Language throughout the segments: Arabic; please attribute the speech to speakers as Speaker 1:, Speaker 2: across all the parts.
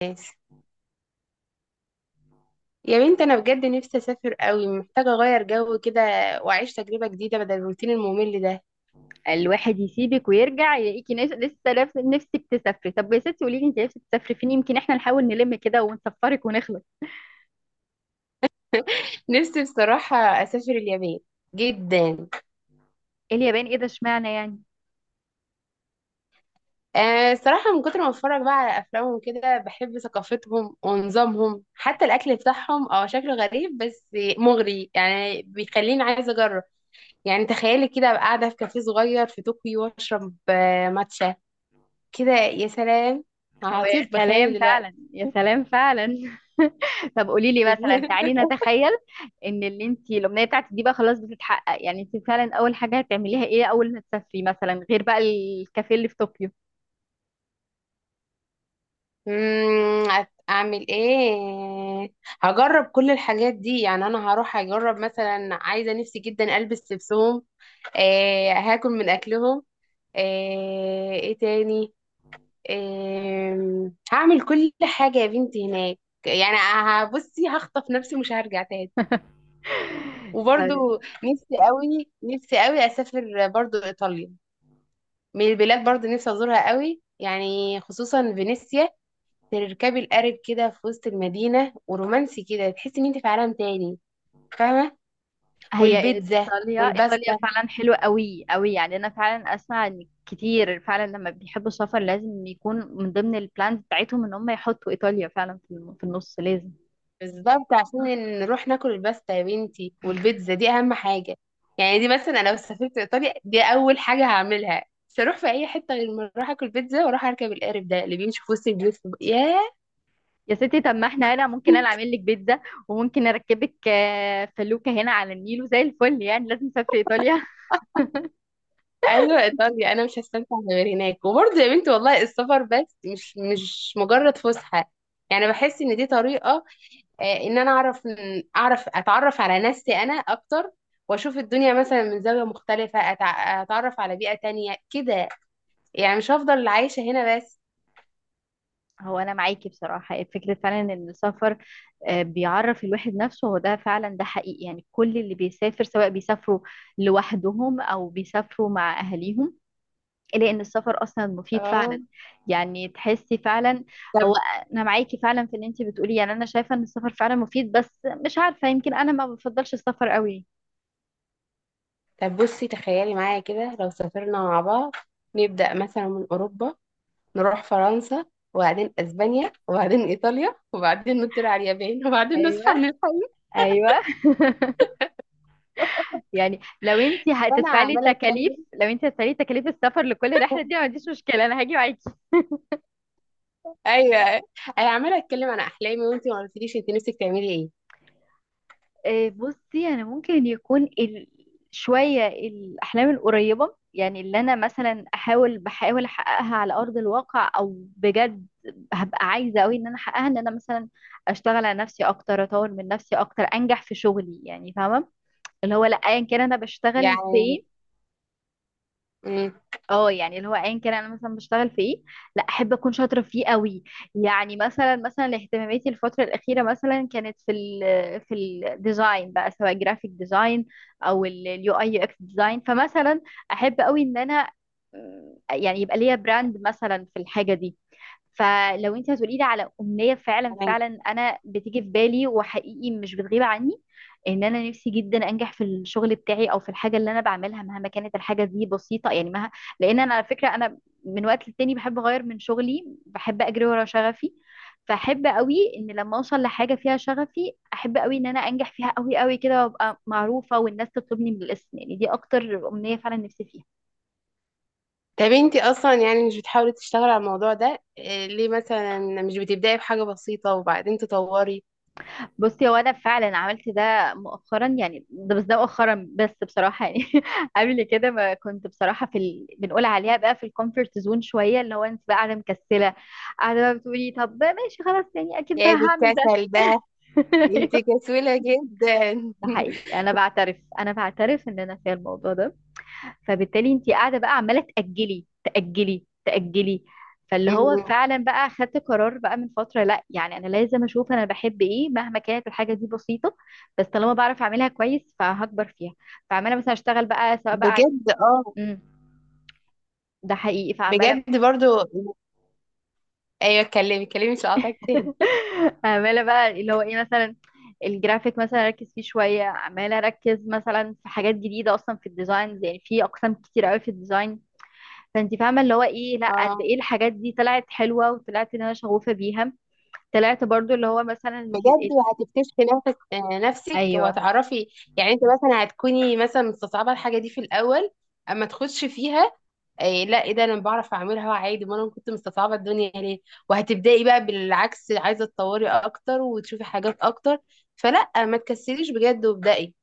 Speaker 1: ناس. يا بنت، انا بجد نفسي اسافر قوي، محتاجه اغير جو كده واعيش تجربه جديده بدل الروتين الممل ده.
Speaker 2: الواحد يسيبك ويرجع يلاقيكي نفسك تسافري. طب يا ستي، قولي لي انت نفسك تسافري فين؟ يمكن احنا نحاول نلم كده ونسفرك ونخلص.
Speaker 1: نفسي بصراحه اسافر اليابان، جدا.
Speaker 2: إيه اليابان؟ ايه ده؟ اشمعنى يعني؟
Speaker 1: آه، الصراحه من كتر ما اتفرج بقى على افلامهم كده، بحب ثقافتهم ونظامهم. حتى الاكل بتاعهم شكله غريب بس مغري، يعني بيخليني عايزه اجرب. يعني تخيلي كده أبقى قاعده في كافيه صغير في طوكيو واشرب ماتشا. كده يا سلام،
Speaker 2: هو
Speaker 1: هطير
Speaker 2: يا سلام
Speaker 1: بخيالي دلوقتي.
Speaker 2: فعلا، يا سلام فعلا. طب قولي لي مثلا، تعالي نتخيل ان اللي انت الامنيه بتاعتك دي بقى خلاص بتتحقق، يعني انت فعلا اول حاجه هتعمليها ايه اول ما تسافري، مثلا غير بقى الكافيه اللي في طوكيو.
Speaker 1: اعمل ايه؟ هجرب كل الحاجات دي، يعني انا هروح اجرب مثلا. عايزه نفسي جدا البس لبسهم. آه، هاكل من اكلهم. آه، ايه تاني؟ آه، هعمل كل حاجه يا بنتي هناك. يعني هبصي هخطف نفسي، مش هرجع تاني.
Speaker 2: طب
Speaker 1: وبرضو، نفسي قوي نفسي قوي اسافر برضو ايطاليا. من البلاد برضو نفسي ازورها قوي، يعني خصوصا فينيسيا. تركبي القارب كده في وسط المدينة، ورومانسي كده، تحسي ان انت في عالم تاني، فاهمة؟
Speaker 2: هي
Speaker 1: والبيتزا
Speaker 2: ايطاليا، ايطاليا
Speaker 1: والباستا.
Speaker 2: فعلا حلوه قوي قوي، يعني انا فعلا اسمع ان كتير فعلا لما بيحبوا السفر لازم يكون من ضمن البلانز بتاعتهم ان هم يحطوا ايطاليا فعلا في النص لازم.
Speaker 1: بالظبط، عشان نروح ناكل الباستا يا بنتي، والبيتزا دي اهم حاجة. يعني دي مثلا، انا لو سافرت ايطاليا، دي اول حاجة هعملها. مش هروح في اي حتة غير ما اروح اكل بيتزا واروح اركب القارب ده اللي بيمشي في وسط البيوت ياه.
Speaker 2: يا ستي، طب ما احنا هنا ممكن انا اعمل لك بيتزا، وممكن اركبك فلوكه هنا على النيل وزي الفل، يعني لازم نسافر ايطاليا.
Speaker 1: ايوه، ايطاليا، انا مش هستمتع غير هناك. وبرضه يا بنتي والله السفر بس مش مجرد فسحه. يعني بحس ان دي طريقه، ان انا اعرف اعرف اتعرف على نفسي انا اكتر. واشوف الدنيا مثلا من زاوية مختلفة، اتعرف على بيئة تانية كده. يعني مش هفضل عايشة هنا بس.
Speaker 2: هو انا معاكي بصراحه فكره فعلا ان السفر بيعرف الواحد نفسه، هو ده فعلا، ده حقيقي، يعني كل اللي بيسافر سواء بيسافروا لوحدهم او بيسافروا مع اهاليهم، لان السفر اصلا مفيد
Speaker 1: اه،
Speaker 2: فعلا، يعني تحسي فعلا. هو
Speaker 1: طب
Speaker 2: انا معاكي فعلا في اللي انت بتقوليه، يعني انا شايفه ان السفر فعلا مفيد، بس مش عارفه، يمكن انا ما بفضلش السفر قوي.
Speaker 1: طب بصي، تخيلي معايا كده لو سافرنا مع بعض. نبدأ مثلا من اوروبا، نروح فرنسا، وبعدين اسبانيا، وبعدين ايطاليا، وبعدين نطير على اليابان، وبعدين نصحى
Speaker 2: ايوه،
Speaker 1: من الحلم.
Speaker 2: ايوه. يعني لو انت
Speaker 1: وانا
Speaker 2: هتدفعي لي
Speaker 1: عماله
Speaker 2: تكاليف،
Speaker 1: اتكلم.
Speaker 2: لو انت هتدفعي لي تكاليف السفر لكل رحله دي أنا ما عنديش مشكله، انا هاجي معاكي.
Speaker 1: ايوه، انا عماله اتكلم عن احلامي، وانتي ما قلتليش انت نفسك تعملي ايه؟
Speaker 2: بصي، انا ممكن يكون شويه الاحلام القريبه، يعني اللي انا مثلا بحاول احققها على ارض الواقع، او بجد هبقى عايزه قوي ان انا احققها، ان انا مثلا اشتغل على نفسي اكتر، اطور من نفسي اكتر، انجح في شغلي، يعني فاهمه اللي هو، لا ايا كان انا بشتغل
Speaker 1: يعني،
Speaker 2: فين.
Speaker 1: امم
Speaker 2: اه يعني اللي هو ايا كان انا مثلا بشتغل في ايه، لا احب اكون شاطره فيه قوي، يعني مثلا اهتماماتي الفتره الاخيره مثلا كانت في الديزاين بقى، سواء جرافيك ديزاين او اليو اي يو اكس ديزاين. فمثلا احب قوي ان انا يعني يبقى ليا براند مثلا في الحاجه دي. فلو انت هتقولي لي على امنيه فعلا، فعلا انا بتيجي في بالي وحقيقي مش بتغيب عني، ان انا نفسي جدا انجح في الشغل بتاعي، او في الحاجه اللي انا بعملها، مهما كانت الحاجه دي بسيطه، يعني لان انا على فكره انا من وقت للتاني بحب اغير من شغلي، بحب اجري ورا شغفي. فاحب قوي ان لما اوصل لحاجه فيها شغفي احب قوي ان انا انجح فيها قوي قوي كده، وابقى معروفه والناس تطلبني بالاسم، يعني دي اكتر امنيه فعلا نفسي فيها.
Speaker 1: طب انتي اصلا يعني مش بتحاولي تشتغلي على الموضوع ده ليه مثلا مش بتبداي بحاجه بسيطه وبعدين تطوري؟
Speaker 2: بصي، هو انا فعلا عملت ده مؤخرا، يعني ده بس، ده مؤخرا بس بصراحه يعني. قبل كده ما كنت بصراحه بنقول عليها بقى في الكومفورت زون شويه، اللي هو انت بقى قاعده مكسله، قاعده بقى بتقولي طب بقى ماشي خلاص، يعني اكيد بقى
Speaker 1: يا دي
Speaker 2: هعمل ده.
Speaker 1: الكسل ده، انتي
Speaker 2: أيوه.
Speaker 1: كسولة جدا.
Speaker 2: ده حقيقي، انا بعترف، انا بعترف ان انا فيها الموضوع ده. فبالتالي انت قاعده بقى عماله تاجلي تاجلي. فاللي هو
Speaker 1: مم.
Speaker 2: فعلا بقى خدت قرار بقى من فتره، لا يعني انا لازم اشوف انا بحب ايه مهما كانت الحاجه دي بسيطه، بس طالما بعرف اعملها كويس فهكبر فيها. فعماله مثلا اشتغل بقى، سواء بقى.
Speaker 1: بجد؟ اه،
Speaker 2: امم، ده حقيقي فعماله.
Speaker 1: بجد. برضو ايوه، اتكلمي اتكلمي، مش هقاطعك تاني.
Speaker 2: عماله بقى اللي هو ايه، مثلا الجرافيك مثلا اركز فيه شويه، عماله اركز مثلا في حاجات جديده اصلا في الديزاين، يعني في اقسام كتير قوي في الديزاين. فانت فاهمه اللي هو ايه، لا قد
Speaker 1: اه،
Speaker 2: ايه الحاجات دي طلعت حلوه، وطلعت ان انا شغوفه بيها. طلعت برضو اللي هو
Speaker 1: بجد وهتكتشفي نفسك
Speaker 2: ايوه.
Speaker 1: وهتعرفي. يعني انت مثلا هتكوني مثلا مستصعبه الحاجه دي في الاول، اما تخش فيها. إيه؟ لا، ايه ده؟ انا بعرف اعملها عادي، ما انا كنت مستصعبه الدنيا ليه؟ وهتبداي بقى بالعكس، عايزه تطوري اكتر وتشوفي حاجات اكتر. فلا، ما تكسليش بجد وابدأي.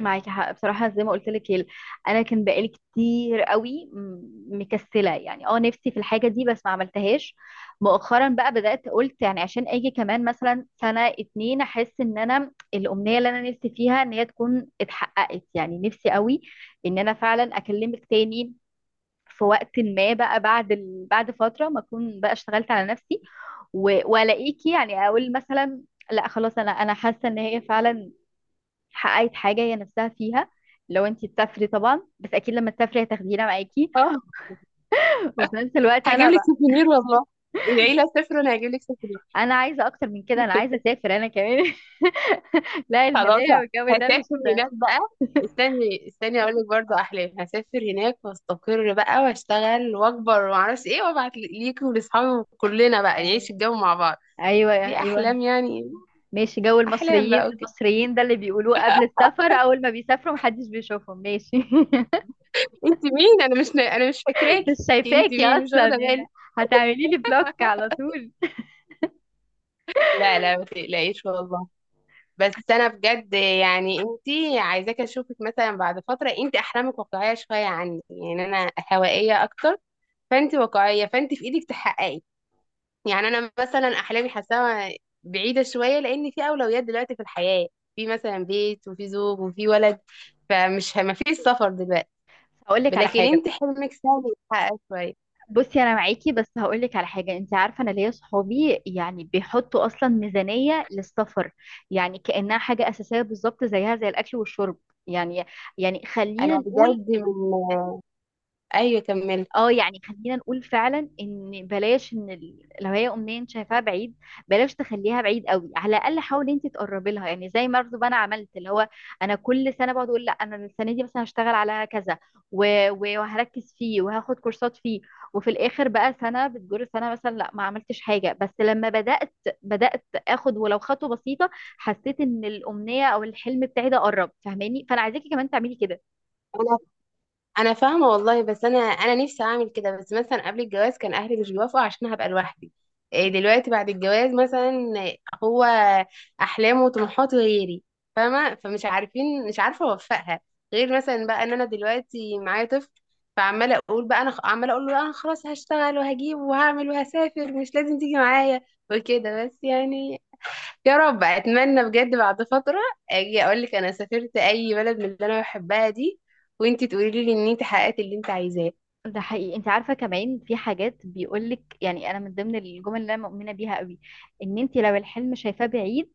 Speaker 2: معاكي حق بصراحه، زي ما قلت لك انا كان بقالي كتير قوي مكسله، يعني اه نفسي في الحاجه دي بس ما عملتهاش. مؤخرا بقى بدات، قلت يعني عشان اجي كمان مثلا سنه اتنين احس ان انا الامنيه اللي انا نفسي فيها ان هي تكون اتحققت، يعني نفسي قوي ان انا فعلا اكلمك تاني في وقت ما بقى بعد بعد فترة ما اكون بقى اشتغلت على نفسي والاقيكي، يعني اقول مثلا لا خلاص، انا حاسة ان هي فعلا حققت حاجة هي نفسها فيها. لو انتي تسافري طبعا، بس اكيد لما تسافري هتاخدينا معاكي.
Speaker 1: اه،
Speaker 2: وفي نفس الوقت
Speaker 1: هجيب
Speaker 2: انا
Speaker 1: لك
Speaker 2: بقى
Speaker 1: سوفينير والله. العيله صفر وانا هجيب لك سوفينير.
Speaker 2: انا عايزة اكتر من كده، انا عايزة اسافر انا كمان. لا،
Speaker 1: خلاص،
Speaker 2: الهدايا والجو ده مش.
Speaker 1: هسافر هناك بقى. استني استني، اقول لك برضه، احلام. هسافر هناك واستقر بقى واشتغل واكبر ومعرفش ايه، وابعت ليكي ولاصحابي وكلنا بقى
Speaker 2: أي-
Speaker 1: نعيش الجو مع بعض.
Speaker 2: ايوه،
Speaker 1: دي
Speaker 2: ايوه.
Speaker 1: احلام يعني،
Speaker 2: ماشي، جو
Speaker 1: احلام
Speaker 2: المصريين،
Speaker 1: بقى.
Speaker 2: المصريين ده اللي بيقولوه قبل السفر، اول ما بيسافروا محدش بيشوفهم، ماشي.
Speaker 1: انت مين؟ انا مش
Speaker 2: مش
Speaker 1: فاكراكي. انت
Speaker 2: شايفاكي
Speaker 1: مين؟ مش
Speaker 2: اصلا
Speaker 1: واخده
Speaker 2: يعني،
Speaker 1: بالي.
Speaker 2: هتعملي لي بلوك على طول.
Speaker 1: لا لا، ما تقلقيش والله. بس انا بجد يعني انت، عايزاك اشوفك مثلا بعد فتره. انت احلامك واقعيه شويه عني، يعني انا هوائيه اكتر. فانت واقعيه، فانت في ايدك تحققي. يعني انا مثلا احلامي حاساها بعيده شويه، لان في اولويات دلوقتي في الحياه. في مثلا بيت وفي زوج وفي ولد، ما فيش سفر دلوقتي.
Speaker 2: هقول لك على
Speaker 1: لكن
Speaker 2: حاجه.
Speaker 1: انت حلمك سهل يتحقق شويه.
Speaker 2: بصي انا معاكي، بس هقول لك على حاجه. انت عارفه انا ليا صحابي يعني بيحطوا اصلا ميزانيه للسفر، يعني كانها حاجه اساسيه بالظبط زيها زي الاكل والشرب. يعني، يعني خلينا
Speaker 1: انا
Speaker 2: نقول.
Speaker 1: بجد ايوه، كملي.
Speaker 2: اه يعني خلينا نقول فعلا ان بلاش ان لو هي امنيه انت شايفاها بعيد، بلاش تخليها بعيد قوي، على الاقل حاولي انت تقربي لها. يعني زي ما برضه انا عملت اللي هو، انا كل سنه بقعد اقول لا انا السنه دي مثلا هشتغل على كذا وهركز فيه وهاخد كورسات فيه، وفي الاخر بقى سنه بتجر سنه مثلا لا ما عملتش حاجه. بس لما بدات اخد ولو خطوه بسيطه، حسيت ان الامنيه او الحلم بتاعي ده قرب، فاهماني؟ فانا عايزاكي كمان تعملي كده.
Speaker 1: انا فاهمه والله. بس انا نفسي اعمل كده. بس مثلا قبل الجواز كان اهلي مش بيوافقوا عشان هبقى لوحدي. إيه؟ دلوقتي بعد الجواز مثلا، هو احلامه وطموحاته غيري، فاهمه؟ فمش عارفين مش عارفه اوفقها. غير مثلا بقى ان انا دلوقتي معايا طفل. فعماله اقول بقى عماله اقول له: لا، انا خلاص هشتغل وهجيب وهعمل وهسافر، مش لازم تيجي معايا. وكده بس يعني. يا رب، اتمنى بجد بعد فترة اجي اقول لك انا سافرت اي بلد من اللي انا بحبها دي، وانتي تقولي لي ان انت حققت اللي انت عايزاه.
Speaker 2: ده حقيقي، انت عارفه كمان في حاجات بيقولك، يعني انا من ضمن الجمل اللي انا مؤمنه بيها قوي ان انت لو الحلم شايفاه بعيد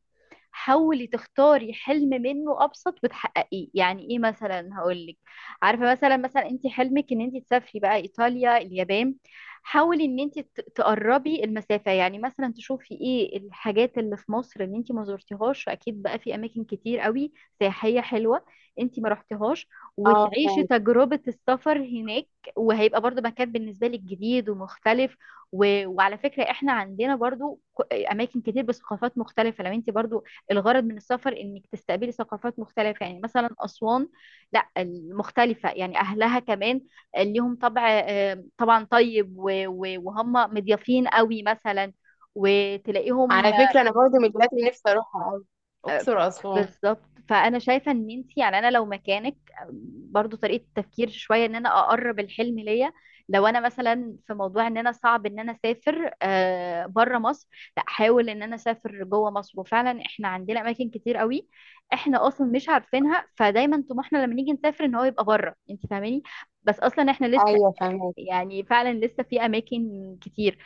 Speaker 2: حاولي تختاري حلم منه ابسط وتحققيه. يعني ايه مثلا؟ هقول لك. عارفه مثلا، انت حلمك ان انت تسافري بقى ايطاليا اليابان، حاولي ان انت تقربي المسافه. يعني مثلا تشوفي ايه الحاجات اللي في مصر اللي انت ما زرتيهاش، اكيد بقى في اماكن كتير قوي سياحيه حلوه انت ما رحتيهاش،
Speaker 1: اه
Speaker 2: وتعيشي
Speaker 1: فهمت.
Speaker 2: تجربه السفر هناك، وهيبقى برضو مكان بالنسبه لك جديد ومختلف. وعلى فكرة احنا عندنا برضو اماكن كتير بثقافات مختلفة. لو انت برضو الغرض من السفر انك تستقبلي ثقافات مختلفة، يعني مثلا أسوان، لا المختلفة يعني أهلها كمان ليهم طبع طبعا طيب، وهم مضيافين قوي مثلا، وتلاقيهم.
Speaker 1: على فكرة انا برضه من البلاد اللي نفسي اروحها قوي،
Speaker 2: آه،
Speaker 1: اقصر واسوان.
Speaker 2: بالظبط. فانا شايفه ان انت، يعني انا لو مكانك آه، برضو طريقه التفكير شويه ان انا اقرب الحلم ليا. لو انا مثلا في موضوع ان انا صعب ان انا اسافر بره مصر، لا احاول ان انا اسافر جوه مصر، وفعلا احنا عندنا اماكن كتير قوي احنا اصلا مش عارفينها. فدايما طموحنا لما نيجي نسافر ان هو يبقى بره، انت فاهماني؟ بس اصلا احنا لسه،
Speaker 1: ايوه فهمت.
Speaker 2: يعني فعلا لسه في اماكن كتير.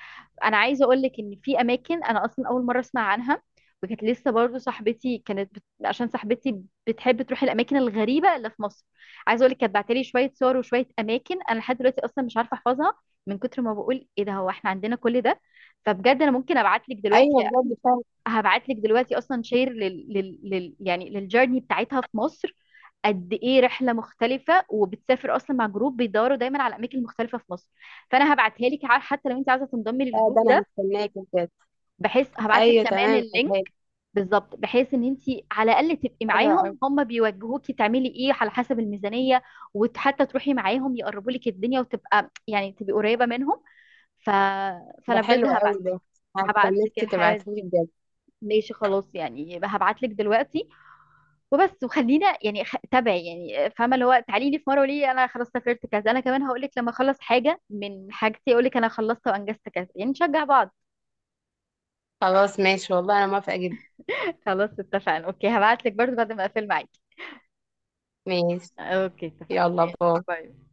Speaker 2: انا عايزه اقول لك ان في اماكن انا اصلا اول مره اسمع عنها. وكانت لسه برضو صاحبتي كانت عشان صاحبتي بتحب تروح الاماكن الغريبه اللي في مصر، عايزه اقول لك كانت بعتلي شويه صور وشويه اماكن انا لحد دلوقتي اصلا مش عارفه احفظها، من كتر ما بقول ايه ده، هو احنا عندنا كل ده؟ فبجد انا ممكن ابعت لك دلوقتي،
Speaker 1: ايوه بجد فهمت.
Speaker 2: هبعت لك دلوقتي اصلا شير يعني للجيرني بتاعتها في مصر، قد ايه رحله مختلفه، وبتسافر اصلا مع جروب بيدوروا دايما على اماكن مختلفه في مصر. فانا هبعتها لك حتى لو انت عايزه تنضمي للجروب
Speaker 1: ده انا
Speaker 2: ده،
Speaker 1: هستناكي بجد.
Speaker 2: بحيث هبعت لك
Speaker 1: ايوه
Speaker 2: كمان
Speaker 1: تمام فهمت.
Speaker 2: اللينك. بالظبط، بحيث ان انت على الاقل تبقي
Speaker 1: حلو قوي
Speaker 2: معاهم، هم بيوجهوكي تعملي ايه على حسب الميزانيه، وحتى تروحي معاهم يقربوا لك الدنيا، وتبقى يعني تبقي قريبه منهم. ف...
Speaker 1: ده.
Speaker 2: فانا بجد
Speaker 1: حلو قوي ده،
Speaker 2: هبعت لك
Speaker 1: هستناكي
Speaker 2: الحاجات دي.
Speaker 1: تبعتيلي بجد.
Speaker 2: ماشي خلاص، يعني هبعت لك دلوقتي وبس. وخلينا يعني تابع يعني، فاهمه اللي هو تعالي لي في مره وليه انا خلاص سافرت كذا، انا كمان هقول لك لما اخلص حاجه من حاجتي، اقول لك انا خلصت وانجزت كذا، يعني نشجع بعض.
Speaker 1: خلاص ماشي والله، انا موافقة جدا.
Speaker 2: خلاص اتفقنا. اوكي، هبعت لك برضه بعد ما اقفل معاكي.
Speaker 1: ماشي،
Speaker 2: اوكي، اتفقنا.
Speaker 1: يلا باي.
Speaker 2: باي.